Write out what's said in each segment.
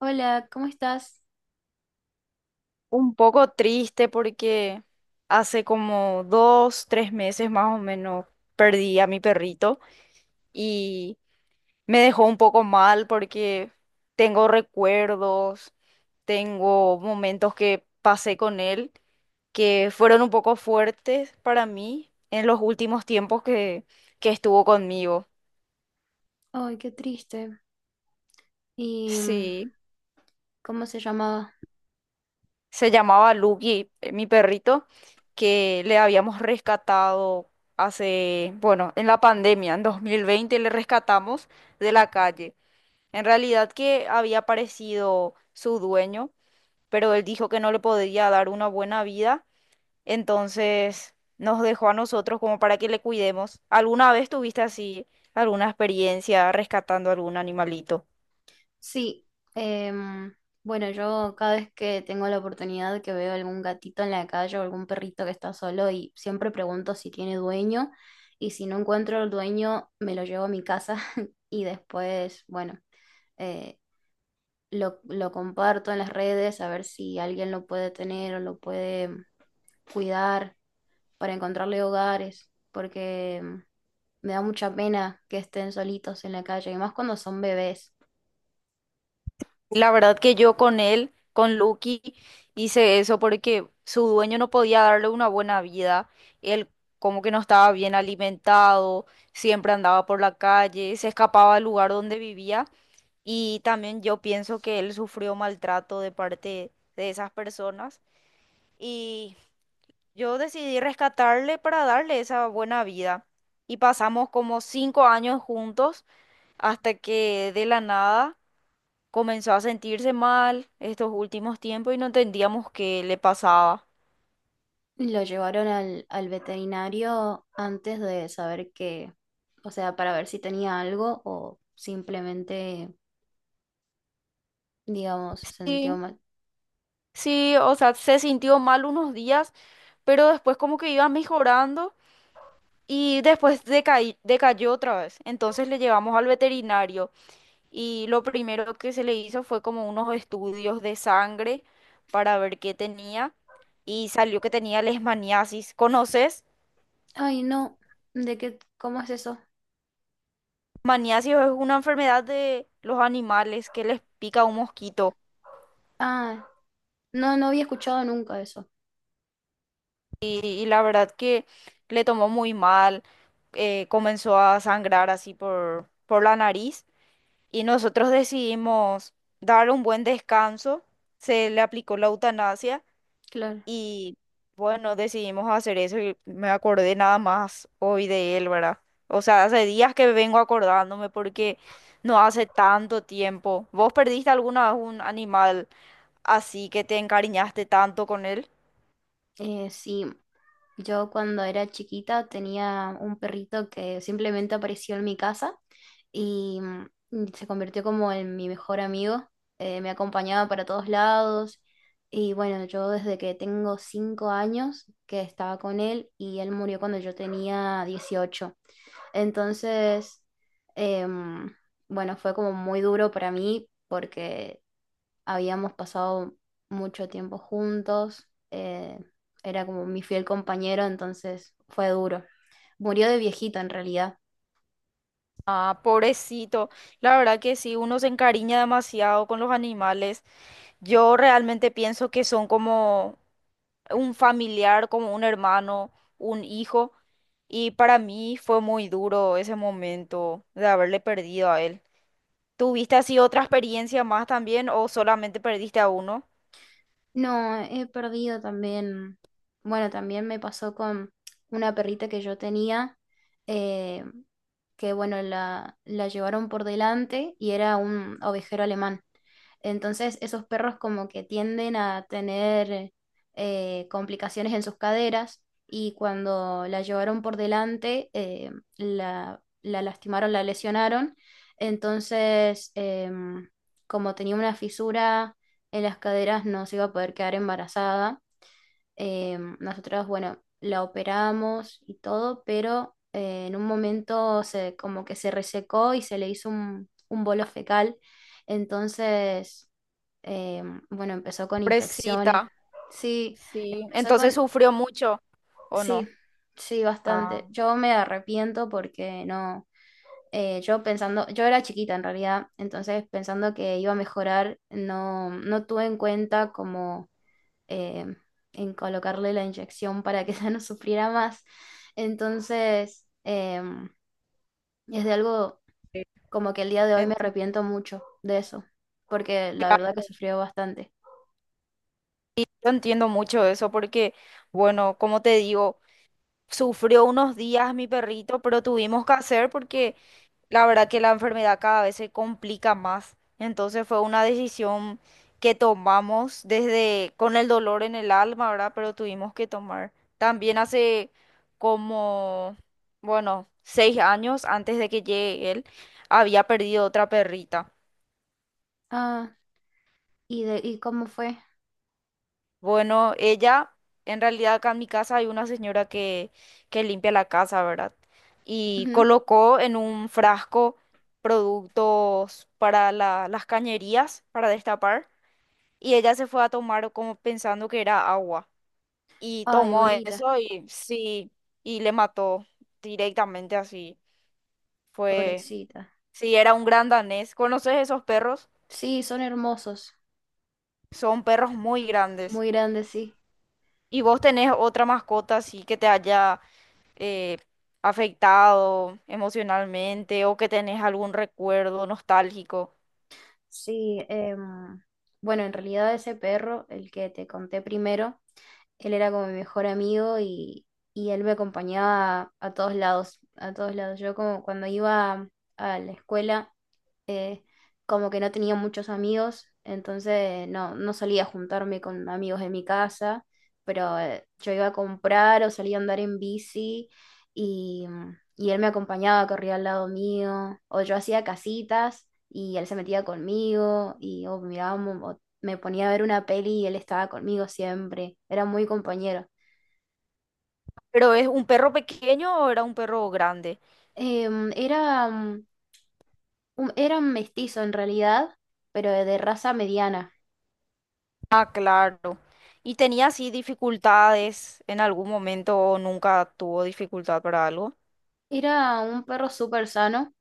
Hola, ¿cómo estás? Un poco triste porque hace como dos, tres meses más o menos perdí a mi perrito y me dejó un poco mal porque tengo recuerdos, tengo momentos que pasé con él que fueron un poco fuertes para mí en los últimos tiempos que estuvo conmigo. Ay, qué triste. ¿Y Sí. cómo se llamaba? Se llamaba Lucky, mi perrito, que le habíamos rescatado hace, bueno, en la pandemia, en 2020 le rescatamos de la calle. En realidad que había aparecido su dueño, pero él dijo que no le podía dar una buena vida, entonces nos dejó a nosotros como para que le cuidemos. ¿Alguna vez tuviste así alguna experiencia rescatando algún animalito? Sí, em, bueno, yo cada vez que tengo la oportunidad que veo algún gatito en la calle o algún perrito que está solo y siempre pregunto si tiene dueño, y si no encuentro el dueño me lo llevo a mi casa y después, bueno, eh, lo comparto en las redes a ver si alguien lo puede tener o lo puede cuidar. Para encontrarle hogares, porque me da mucha pena que estén solitos en la calle, y más cuando son bebés. La verdad que yo con él, con Lucky, hice eso porque su dueño no podía darle una buena vida. Él como que no estaba bien alimentado, siempre andaba por la calle, se escapaba del lugar donde vivía y también yo pienso que él sufrió maltrato de parte de esas personas y yo decidí rescatarle para darle esa buena vida. Y pasamos como 5 años juntos hasta que de la nada comenzó a sentirse mal estos últimos tiempos y no entendíamos qué le pasaba. Lo llevaron al veterinario antes de saber que, o sea, para ver si tenía algo o simplemente, digamos, se sintió Sí, mal. sí, o sea, se sintió mal unos días, pero después como que iba mejorando y después decayó otra vez. Entonces le llevamos al veterinario y lo primero que se le hizo fue como unos estudios de sangre para ver qué tenía y salió que tenía leishmaniasis. ¿Conoces? Ay, no, ¿de qué? ¿Cómo es eso? Maniasis es una enfermedad de los animales que les pica un mosquito. Ah, no, no había escuchado nunca eso. Y la verdad que le tomó muy mal, comenzó a sangrar así por la nariz y nosotros decidimos dar un buen descanso, se le aplicó la eutanasia Claro. y bueno, decidimos hacer eso y me acordé nada más hoy de él, ¿verdad? O sea, hace días que vengo acordándome porque no hace tanto tiempo. ¿Vos perdiste alguna vez un animal así que te encariñaste tanto con él? Sí, yo cuando era chiquita tenía un perrito que simplemente apareció en mi casa y, se convirtió como en mi mejor amigo. Me acompañaba para todos lados y bueno, yo desde que tengo 5 años que estaba con él, y él murió cuando yo tenía 18. Entonces, em, bueno, fue como muy duro para mí porque habíamos pasado mucho tiempo juntos, era como mi fiel compañero, entonces fue duro. Murió de viejito en realidad. Ah, pobrecito. La verdad que sí, uno se encariña demasiado con los animales. Yo realmente pienso que son como un familiar, como un hermano, un hijo. Y para mí fue muy duro ese momento de haberle perdido a él. ¿Tuviste así otra experiencia más también o solamente perdiste a uno? No, he perdido también, bueno, también me pasó con una perrita que yo tenía, eh, que bueno, la llevaron por delante y era un ovejero alemán. Entonces, esos perros como que tienden a tener, complicaciones en sus caderas, y cuando la llevaron por delante, la lastimaron, la lesionaron. Entonces, como tenía una fisura en las caderas, no se iba a poder quedar embarazada. Em, nosotros, bueno, la operamos y todo, pero en un momento se, como que se resecó y se le hizo un bolo fecal. Entonces, eh, bueno, empezó con infecciones. Pobrecita. Sí, Sí. empezó Entonces con... sufrió mucho, ¿o Sí, no? sí, bastante. Ah. Yo me arrepiento porque no... yo pensando, yo era chiquita en realidad, entonces pensando que iba a mejorar, no, no tuve en cuenta como, eh, en colocarle la inyección para que ella no sufriera más. Entonces, es de algo como que el día de hoy me Entiendo. arrepiento mucho de eso, porque la verdad que sufrió bastante. Yo entiendo mucho eso porque, bueno, como te digo. Sufrió unos días mi perrito, pero tuvimos que hacer porque la verdad que la enfermedad cada vez se complica más. Entonces fue una decisión que tomamos desde con el dolor en el alma, ¿verdad? Pero tuvimos que tomar. También hace como, bueno, 6 años antes de que llegue él, había perdido otra perrita. Ah, ¿y de, y cómo fue? Bueno, ella, en realidad acá en mi casa hay una señora que limpia la casa, ¿verdad? Y Ujú. colocó en un frasco productos para las cañerías, para destapar, y ella se fue a tomar como pensando que era agua. Y Ay, tomó bonita, eso y sí, y le mató directamente así. Fue, pobrecita. sí, era un gran danés. ¿Conoces esos perros? Sí, son hermosos, Son perros muy grandes. muy grandes, sí. ¿Y vos tenés otra mascota así que te haya eh, afectado emocionalmente o que tenés algún recuerdo nostálgico? Sí, bueno, en realidad ese perro, el que te conté primero, él era como mi mejor amigo, y él me acompañaba a todos lados, a todos lados. Yo como cuando iba a la escuela, eh, como que no tenía muchos amigos, entonces no, no solía juntarme con amigos de mi casa, pero yo iba a comprar o salía a andar en bici, y, y él me acompañaba, corría al lado mío, o yo hacía casitas y él se metía conmigo y o mirábamos, o me ponía a ver una peli y él estaba conmigo siempre, era muy compañero. ¿Pero es un perro pequeño o era un perro grande? Era era un mestizo en realidad, pero de raza mediana. Ah, claro. ¿Y tenía así dificultades en algún momento o nunca tuvo dificultad para algo? Era un perro súper sano,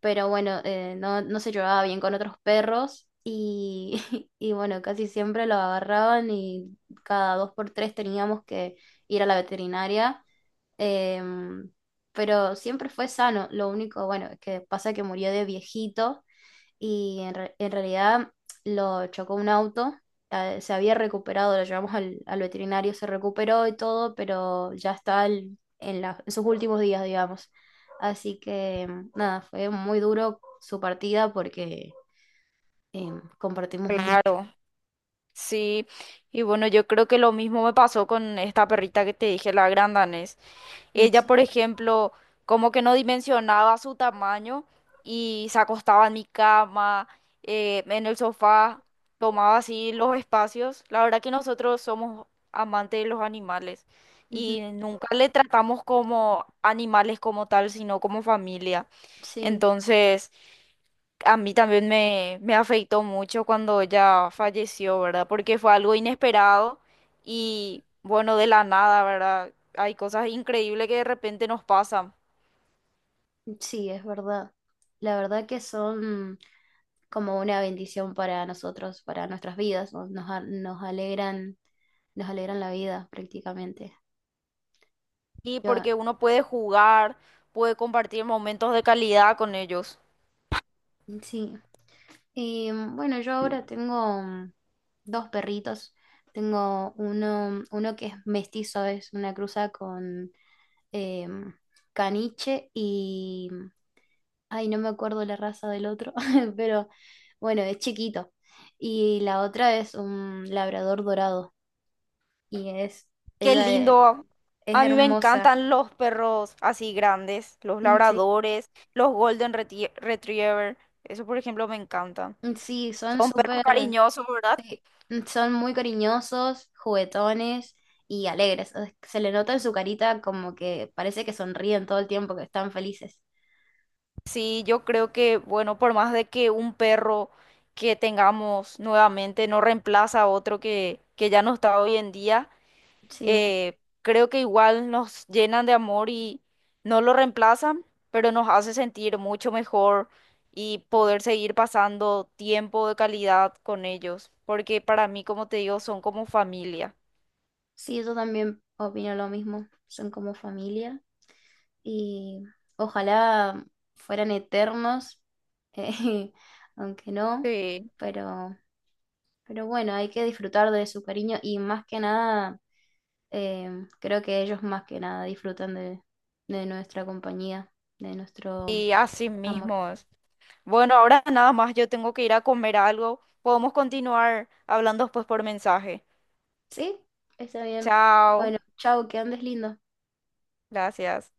pero bueno, no, no se llevaba bien con otros perros, y, y bueno, casi siempre lo agarraban y cada dos por tres teníamos que ir a la veterinaria, em, pero siempre fue sano, lo único, bueno, es que pasa que murió de viejito. Y en, en realidad lo chocó un auto, se había recuperado, lo llevamos al veterinario, se recuperó y todo, pero ya está en, en sus últimos días, digamos. Así que nada, fue muy duro su partida porque eh, compartimos mucho. Claro, sí. Y bueno, yo creo que lo mismo me pasó con esta perrita que te dije, la gran danés. Mm. Ella, Sí. por ejemplo, como que no dimensionaba su tamaño y se acostaba en mi cama, en el sofá, tomaba así los espacios. La verdad que nosotros somos amantes de los animales Ujú. y nunca le tratamos como animales como tal, sino como familia. Sí, Entonces, a mí también me afectó mucho cuando ella falleció, ¿verdad? Porque fue algo inesperado y bueno, de la nada, ¿verdad? Hay cosas increíbles que de repente nos pasan. sí, es verdad. La verdad que son como una bendición para nosotros, para nuestras vidas, ¿no? Nos, nos alegran la vida prácticamente. Y Yo porque uno puede jugar, puede compartir momentos de calidad con ellos. sí, eh, bueno, yo ahora tengo dos perritos. Tengo uno, uno que es mestizo, es una cruza con eh, mm, caniche y... mm, ay, no me acuerdo la raza del otro, pero bueno, es chiquito. Y la otra es un labrador dorado y es, Qué ella lindo. es A mí me hermosa. encantan los perros así grandes, los Sí, labradores, los golden retriever. Eso, por ejemplo, me encantan. sí, son Son perros súper, cariñosos, ¿verdad? sí, son muy cariñosos, juguetones y alegres. O sea, se le nota en su carita como que parece que sonríen todo el tiempo, que están felices. Sí, yo creo que, bueno, por más de que un perro que tengamos nuevamente no reemplaza a otro que ya no está hoy en día, Sí, creo que igual nos llenan de amor y no lo reemplazan, pero nos hace sentir mucho mejor y poder seguir pasando tiempo de calidad con ellos, porque para mí, como te digo, son como familia. sí, yo también opino lo mismo. Son como familia y ojalá fueran eternos, eh, aunque no, Sí. pero, pero bueno, hay que disfrutar de su cariño y más que nada, eh, creo que ellos más que nada disfrutan de nuestra compañía, de nuestro Y así amor. mismo es. Bueno, ahora nada más yo tengo que ir a comer algo. Podemos continuar hablando después por mensaje. Sí, está bien. Chao. Bueno, chao, que andes lindo. Gracias.